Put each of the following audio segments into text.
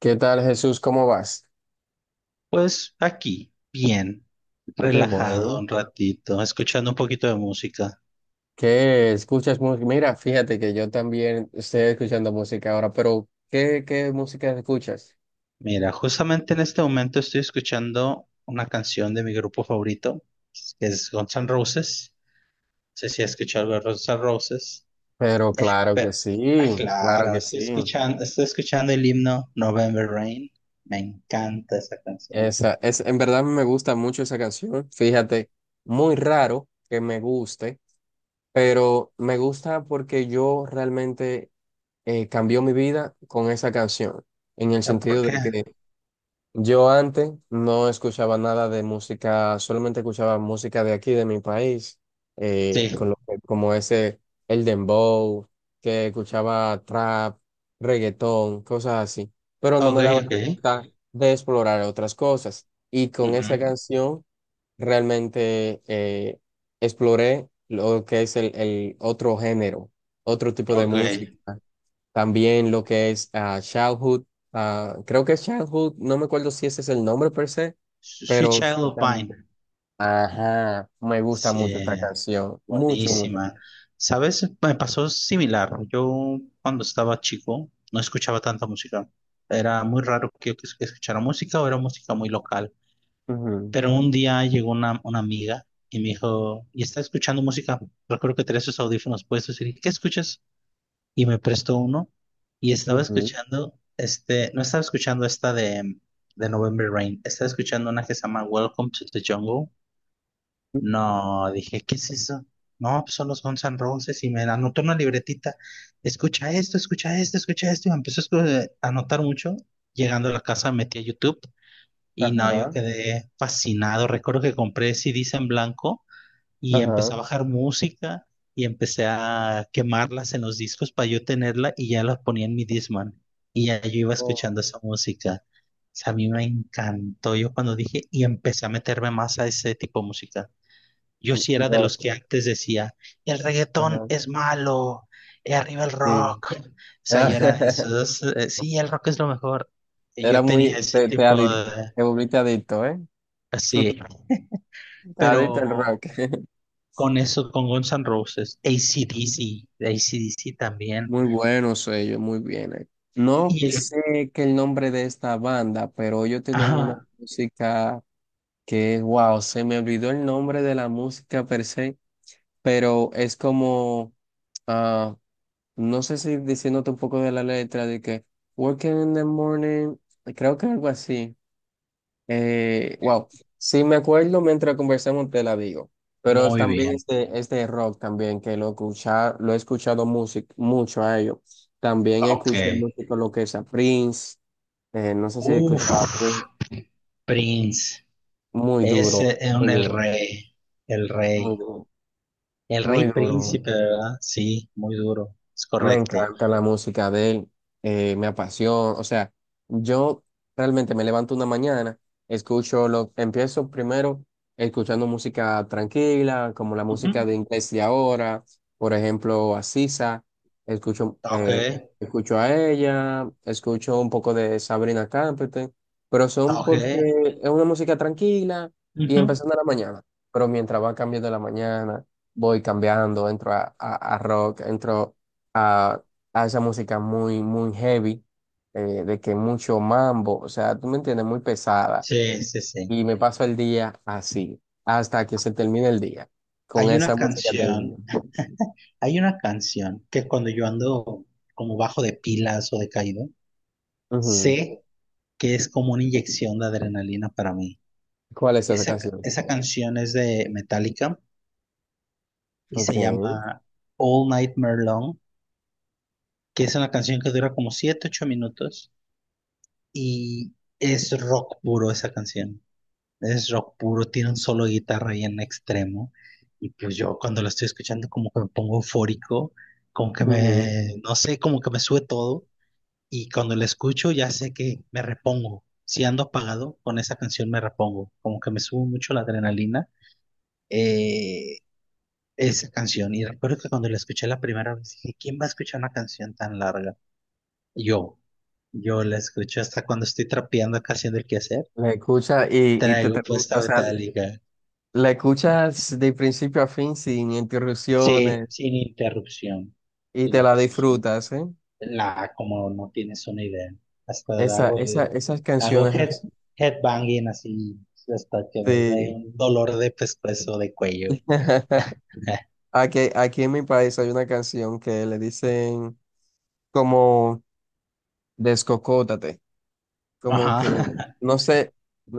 ¿Qué tal, Jesús? ¿Cómo vas? Pues aquí, bien, Qué relajado bueno. un ratito, escuchando un poquito de música. ¿Qué escuchas música? Mira, fíjate que yo también estoy escuchando música ahora, pero ¿qué música escuchas? Mira, justamente en este momento estoy escuchando una canción de mi grupo favorito, que es Guns N' Roses. No sé si has escuchado algo de Guns N' Roses. Pero claro Pero, que sí, ah, claro claro, que sí. Estoy escuchando el himno November Rain. Me encanta esa canción. En verdad me gusta mucho esa canción. Fíjate, muy raro que me guste, pero me gusta porque yo realmente cambió mi vida con esa canción, en el ¿Por sentido qué? de que yo antes no escuchaba nada de música, solamente escuchaba música de aquí, de mi país, Sí, como ese, el dembow, que escuchaba trap, reggaetón, cosas así, pero no ok, me daba la ok. libertad de explorar otras cosas. Y con esa Ujú. canción realmente exploré lo que es el otro género, otro tipo de Ok. música. También lo que es Childhood, ah, creo que es Childhood, no me acuerdo si ese es el nombre per se, Sweet pero sí Child of también. Mine. Ajá, me gusta Sí. mucho esta canción, mucho, mucho. Buenísima. ¿Sabes? Me pasó similar. Yo cuando estaba chico no escuchaba tanta música. Era muy raro que yo que escuchara música o era música muy local. Ujú, Pero un día llegó una amiga y me dijo, ¿y está escuchando música? Recuerdo que tenía esos audífonos puestos y dije, ¿qué escuchas? Y me prestó uno y estaba ujú, escuchando, este, no estaba escuchando esta de November Rain, estaba escuchando una que se llama Welcome to the Jungle. No, dije, ¿qué es eso? No, pues son los Guns N' Roses y me anotó una libretita. Escucha esto, escucha esto, escucha esto. Y me empezó a a anotar mucho. Llegando a la casa metí a YouTube y no, yo ajá, quedé fascinado. Recuerdo que compré CDs en blanco y ajá. empecé a bajar música y empecé a quemarlas en los discos para yo tenerla y ya la ponía en mi Discman. Y ya yo iba Oh, escuchando esa música. O sea, a mí me encantó. Yo cuando dije y empecé a meterme más a ese tipo de música. Yo sí era de no, los que antes decía, el reggaetón ajá, es malo, y arriba el sí. rock. O sea, yo era de esos, sí, el rock es lo mejor. Y Era yo tenía muy, ese tipo de, te volviste adicto, ¿eh? así, Adicto al rock. pero con eso, con Guns N' Roses, AC/DC, AC/DC también. Muy buenos ellos, muy bien. No Y el, sé qué el nombre de esta banda, pero ellos tienen una ajá, música que wow, se me olvidó el nombre de la música per se, pero es como, ah, no sé si diciéndote un poco de la letra, de que working in the morning, creo que algo así. Wow, sí me acuerdo mientras conversamos te la digo, pero es muy también bien, este rock también que lo, escucha, lo he escuchado music, mucho a ellos. También ok. escuché música lo que es a Prince, no sé si escuchaba a Uf, Prince, Prince, muy duro, ese es muy el duro, rey, el muy rey. duro, El rey muy duro. príncipe, ¿verdad? Sí, muy duro. Es Me correcto. encanta la música de él, me apasiona, o sea, yo realmente me levanto una mañana, escucho lo, empiezo primero escuchando música tranquila, como la Ujú. música de inglés de ahora, por ejemplo, a Sisa, escucho, Ok, escucho a ella, escucho un poco de Sabrina Carpenter, pero son ok. porque es una música tranquila y Ujú. empezando la mañana, pero mientras va cambiando la mañana, voy cambiando, entro a, a rock, entro a, a esa música muy, muy heavy, de que mucho mambo, o sea, tú me entiendes, muy pesada. Sí, sí, sí. Y me paso el día así, hasta que se termine el día, con Hay una esa música termina. canción, hay una canción que cuando yo ando como bajo de pilas o decaído, Ujú. sé que es como una inyección de adrenalina para mí. ¿Cuál es esa Esa, canción? esa canción es de Metallica y Ok. se Ujú. llama All Nightmare Long, que es una canción que dura como 7, 8 minutos y es rock puro esa canción. Es rock puro, tiene un solo de guitarra ahí en extremo. Y pues yo cuando lo estoy escuchando como que me pongo eufórico, como que me, no sé, como que me sube todo. Y cuando lo escucho ya sé que me repongo. Si ando apagado, con esa canción me repongo. Como que me sube mucho la adrenalina eh, esa canción. Y recuerdo que cuando la escuché la primera vez dije, ¿quién va a escuchar una canción tan larga? Yo. Yo la escucho hasta cuando estoy trapeando acá haciendo el quehacer. La escuchas y te Traigo termina, puesta o sea, Metallica. la escuchas de principio a fin sin Sí, interrupciones sin interrupción, y sin te la interrupción. disfrutas, ¿eh? La, como no tienes una idea. Hasta Esa, hago esa, esas hago canciones así. headbanging así, hasta que me dé Sí. un dolor de pescuezo, de cuello. Aquí en mi país hay una canción que le dicen como descocótate, como Ajá. que, no sé,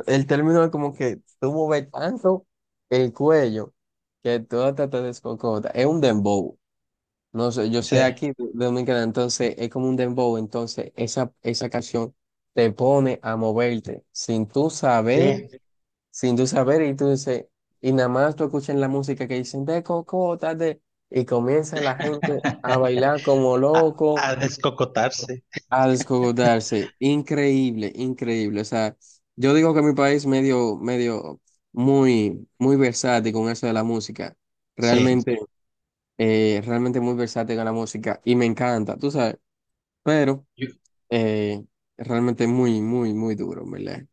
el término es como que tú mueves tanto el cuello que todo te descocota. Es un dembow. No sé, yo soy Sí, aquí de Dominicana, entonces es como un dembow. Entonces esa canción te pone a moverte sin tú saber sí. sin tú saber, y tú dices, y nada más tú escuchas la música que dicen de cocota, de, y comienza la gente a bailar como A, loco, a descocotarse. a descogotarse. Increíble, increíble. O sea, yo digo que mi país medio, medio, muy, muy versátil con eso de la música. Sí. Realmente, realmente muy versátil con la música, y me encanta, tú sabes, pero Yo- eh, realmente muy, muy, muy duro, en ¿verdad?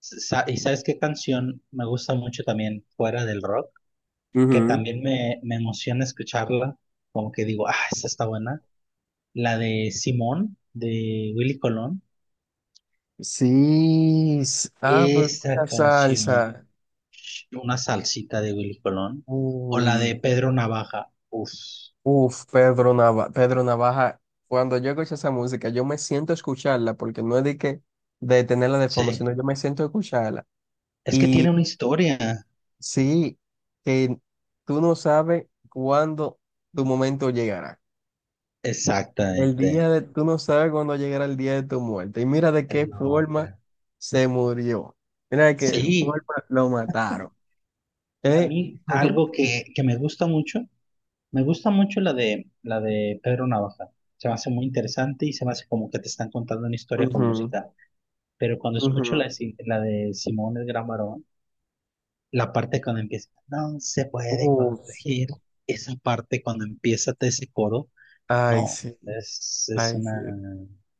¿Y sabes qué canción me gusta mucho también fuera del rock? Que Ujú. también me emociona escucharla. Como que digo, ah, esta está buena. La de Simón, de Willy Colón. Pues Esa mucha canción, salsa. una salsita de Willy Colón. O la de Uy, Pedro Navaja. Uf, uf, Pedro Navaja. Cuando yo escucho esa música, yo me siento a escucharla, porque no es de que de tenerla de fondo, sí. sino yo me siento a escucharla. Es que tiene Y una historia. sí, que tú no sabes cuándo tu momento llegará. El día Exactamente. de, tú no sabes cuándo llegará el día de tu muerte. Y mira de qué forma Loca. se murió. Mira de qué Sí, forma lo mataron. y a ¿Eh? mí algo que me gusta mucho la de Pedro Navaja. Se me hace muy interesante y se me hace como que te están contando una historia con Ujú. música. Pero cuando escucho la, de Ujú. La de Simón el Gran Varón, la parte cuando empieza, no se puede Uf, corregir. Esa parte cuando empieza todo ese coro, ay, no, sí, es ay, sí. una,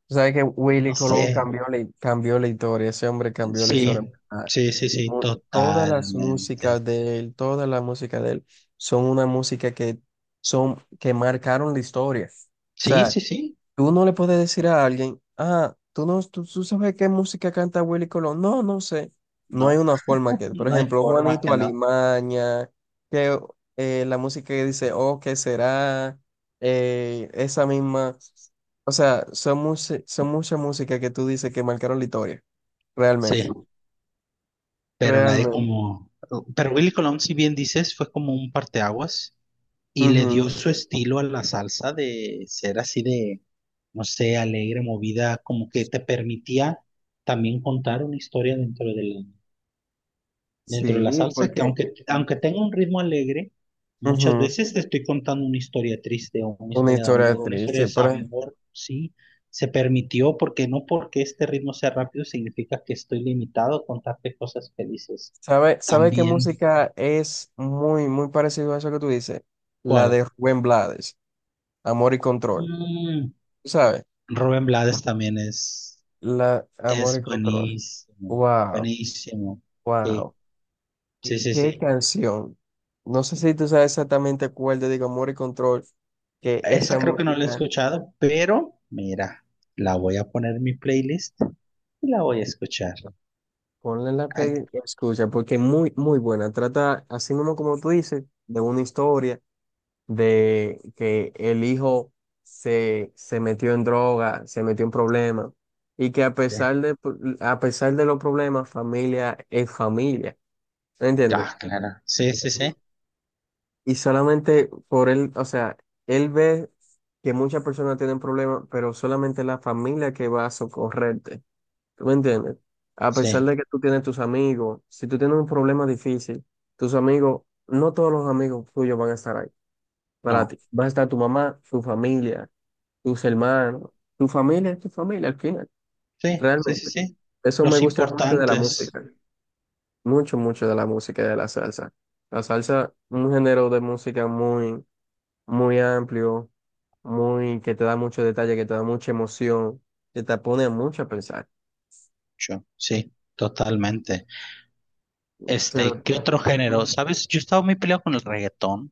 Sabes que Willy no Colón sé, cambió la historia, ese hombre cambió la sí, historia. sí, sí, sí, Todas las totalmente. músicas de él, toda la música de él, son una música que son, que marcaron la historia. O Sí, sea, sí, sí, tú no le puedes decir a alguien, ah, tú no, tú sabes qué música canta Willy Colón. No, no sé. No hay no, una forma que, por no hay ejemplo, forma Juanito que no. Alimaña, que la música que dice, oh, ¿qué será? Esa misma. O sea, son, muchas son mucha música que tú dices que marcaron la historia, Sí, realmente. pero nadie Realmente. como, pero Willy Colón, si bien dices, fue como un parteaguas. Y le dio Ujú. su estilo a la salsa de ser así de, no sé, alegre, movida, como que te permitía también contar una historia dentro de la Sí, salsa, que porque aunque, aunque tenga un ritmo alegre, muchas ujú, veces te estoy contando una historia triste o una una historia de historia amor, una historia de triste. Pero, desamor, sí, se permitió porque no porque este ritmo sea rápido significa que estoy limitado a contarte cosas felices. Sabe qué También, música es muy, muy parecido a eso que tú dices? La ¿cuál? de Rubén Blades, Amor y Control. Mm, ¿Tú ¿Sabes? Rubén Blades también es. La Amor Es y Control. buenísimo, Wow, buenísimo. Sí, wow. ¿Qué, sí, sí, qué sí. canción? No sé si tú sabes exactamente cuál te digo, Amor y Control, que esa Esa creo que no la he música, escuchado, pero mira, la voy a poner en mi playlist y la voy a escuchar. ponla en la Ay, play y escucha, porque es muy, muy buena. Trata, así mismo como tú dices, de una historia. De que el hijo se metió en droga, se metió en problemas, y que sí. A pesar de los problemas, familia es familia, ¿me entiendes? Ah, claro. Sí, sí, sí, Y solamente por él, o sea, él ve que muchas personas tienen problemas, pero solamente la familia que va a socorrerte, ¿tú me entiendes? A pesar sí, de que tú tienes tus amigos, si tú tienes un problema difícil, tus amigos, no todos los amigos tuyos van a estar ahí para no. ti. Va a estar tu mamá, tu familia, tus hermanos, tu familia es tu familia al final, Sí, sí, sí, realmente. sí. Eso me Los gusta mucho de la importantes. música, mucho, mucho de la música y de la salsa. La salsa, un género de música muy, muy amplio, muy, que te da mucho detalle, que te da mucha emoción, que te pone mucho a pensar. Yo, sí, totalmente. Este, Pero, ¿qué otro género? mm, ¿Sabes? Yo estaba muy peleado con el reggaetón.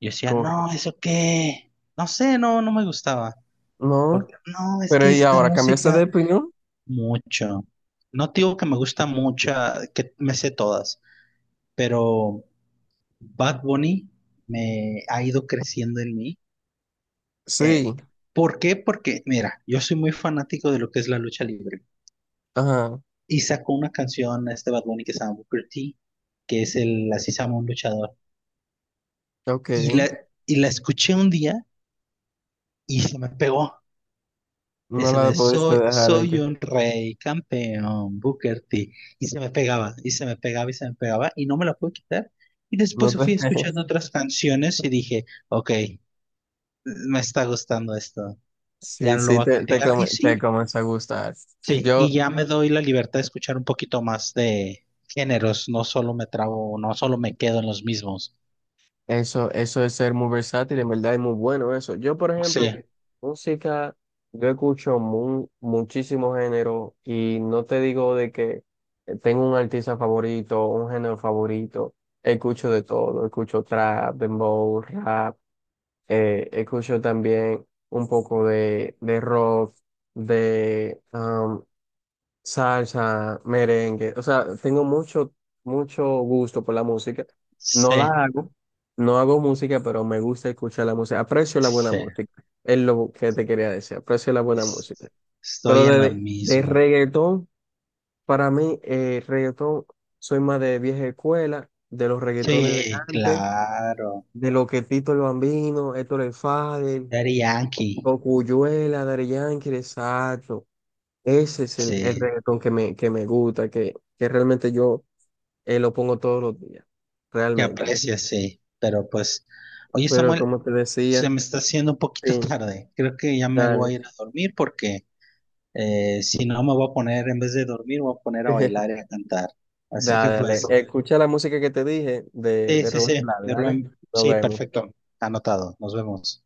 Yo decía, corre. no, ¿eso qué? No sé, no, no me gustaba. No, Porque, no, es pero que ¿y esta ahora cambiaste de música. opinión? Mucho. No te digo que me gusta mucho, que me sé todas, pero Bad Bunny me ha ido creciendo en mí. Eh, Sí, ¿Por qué? Porque, mira, yo soy muy fanático de lo que es la lucha libre. ajá, Y sacó una canción este Bad Bunny que se llama Booker T, que es el, así se llama un luchador. ok. Y la, y la escuché un día y se me pegó. No Ese la de pudiste soy, dejar de soy que un rey, campeón, Booker T. Y se me pegaba, y se me pegaba, y se me pegaba, y no me la pude quitar. Y no después te... fui escuchando otras canciones y dije, ok, me está gustando esto, ya Sí, no lo sí, voy a entonces, criticar. Y te sí, comienza a gustar. sí, Yo, y ya me doy la libertad de escuchar un poquito más de géneros, no solo me trabo, no solo me quedo en los mismos. eso de ser muy versátil, en verdad es muy bueno eso. Yo, por Sí, ejemplo, música, yo escucho muchísimos géneros y no te digo de que tengo un artista favorito, un género favorito. Escucho de todo, escucho trap, dembow, rap, escucho también un poco de rock, de salsa, merengue. O sea, tengo mucho, mucho gusto por la música. No la sí, hago, no hago música, pero me gusta escuchar la música. Aprecio la buena sí, música. Es lo que te quería decir. Aprecio la buena música. es- Pero estoy en la de mismo. reggaetón, para mí, reggaetón, soy más de vieja escuela, de los reggaetones de Sí, antes, claro. de lo que Tito el Bambino, Héctor el Father, Daddy Yankee. Cocuyuela, Daddy Yankee, exacto. Ese es el Sí, reggaetón que me gusta, que realmente yo lo pongo todos los días, que realmente. aprecias, sí. Pero pues, oye Pero Samuel, como te decía, se me está haciendo un poquito sí, tarde. Creo que ya me voy a dale, ir a dormir porque si no me voy a poner, en vez de dormir, me voy a poner a bailar y a cantar. Así que dale, pues, dale. Escucha la música que te dije sí, de sí, Rubén sí, Blades, de dale. Rubén, Nos sí, vemos. perfecto, anotado. Nos vemos.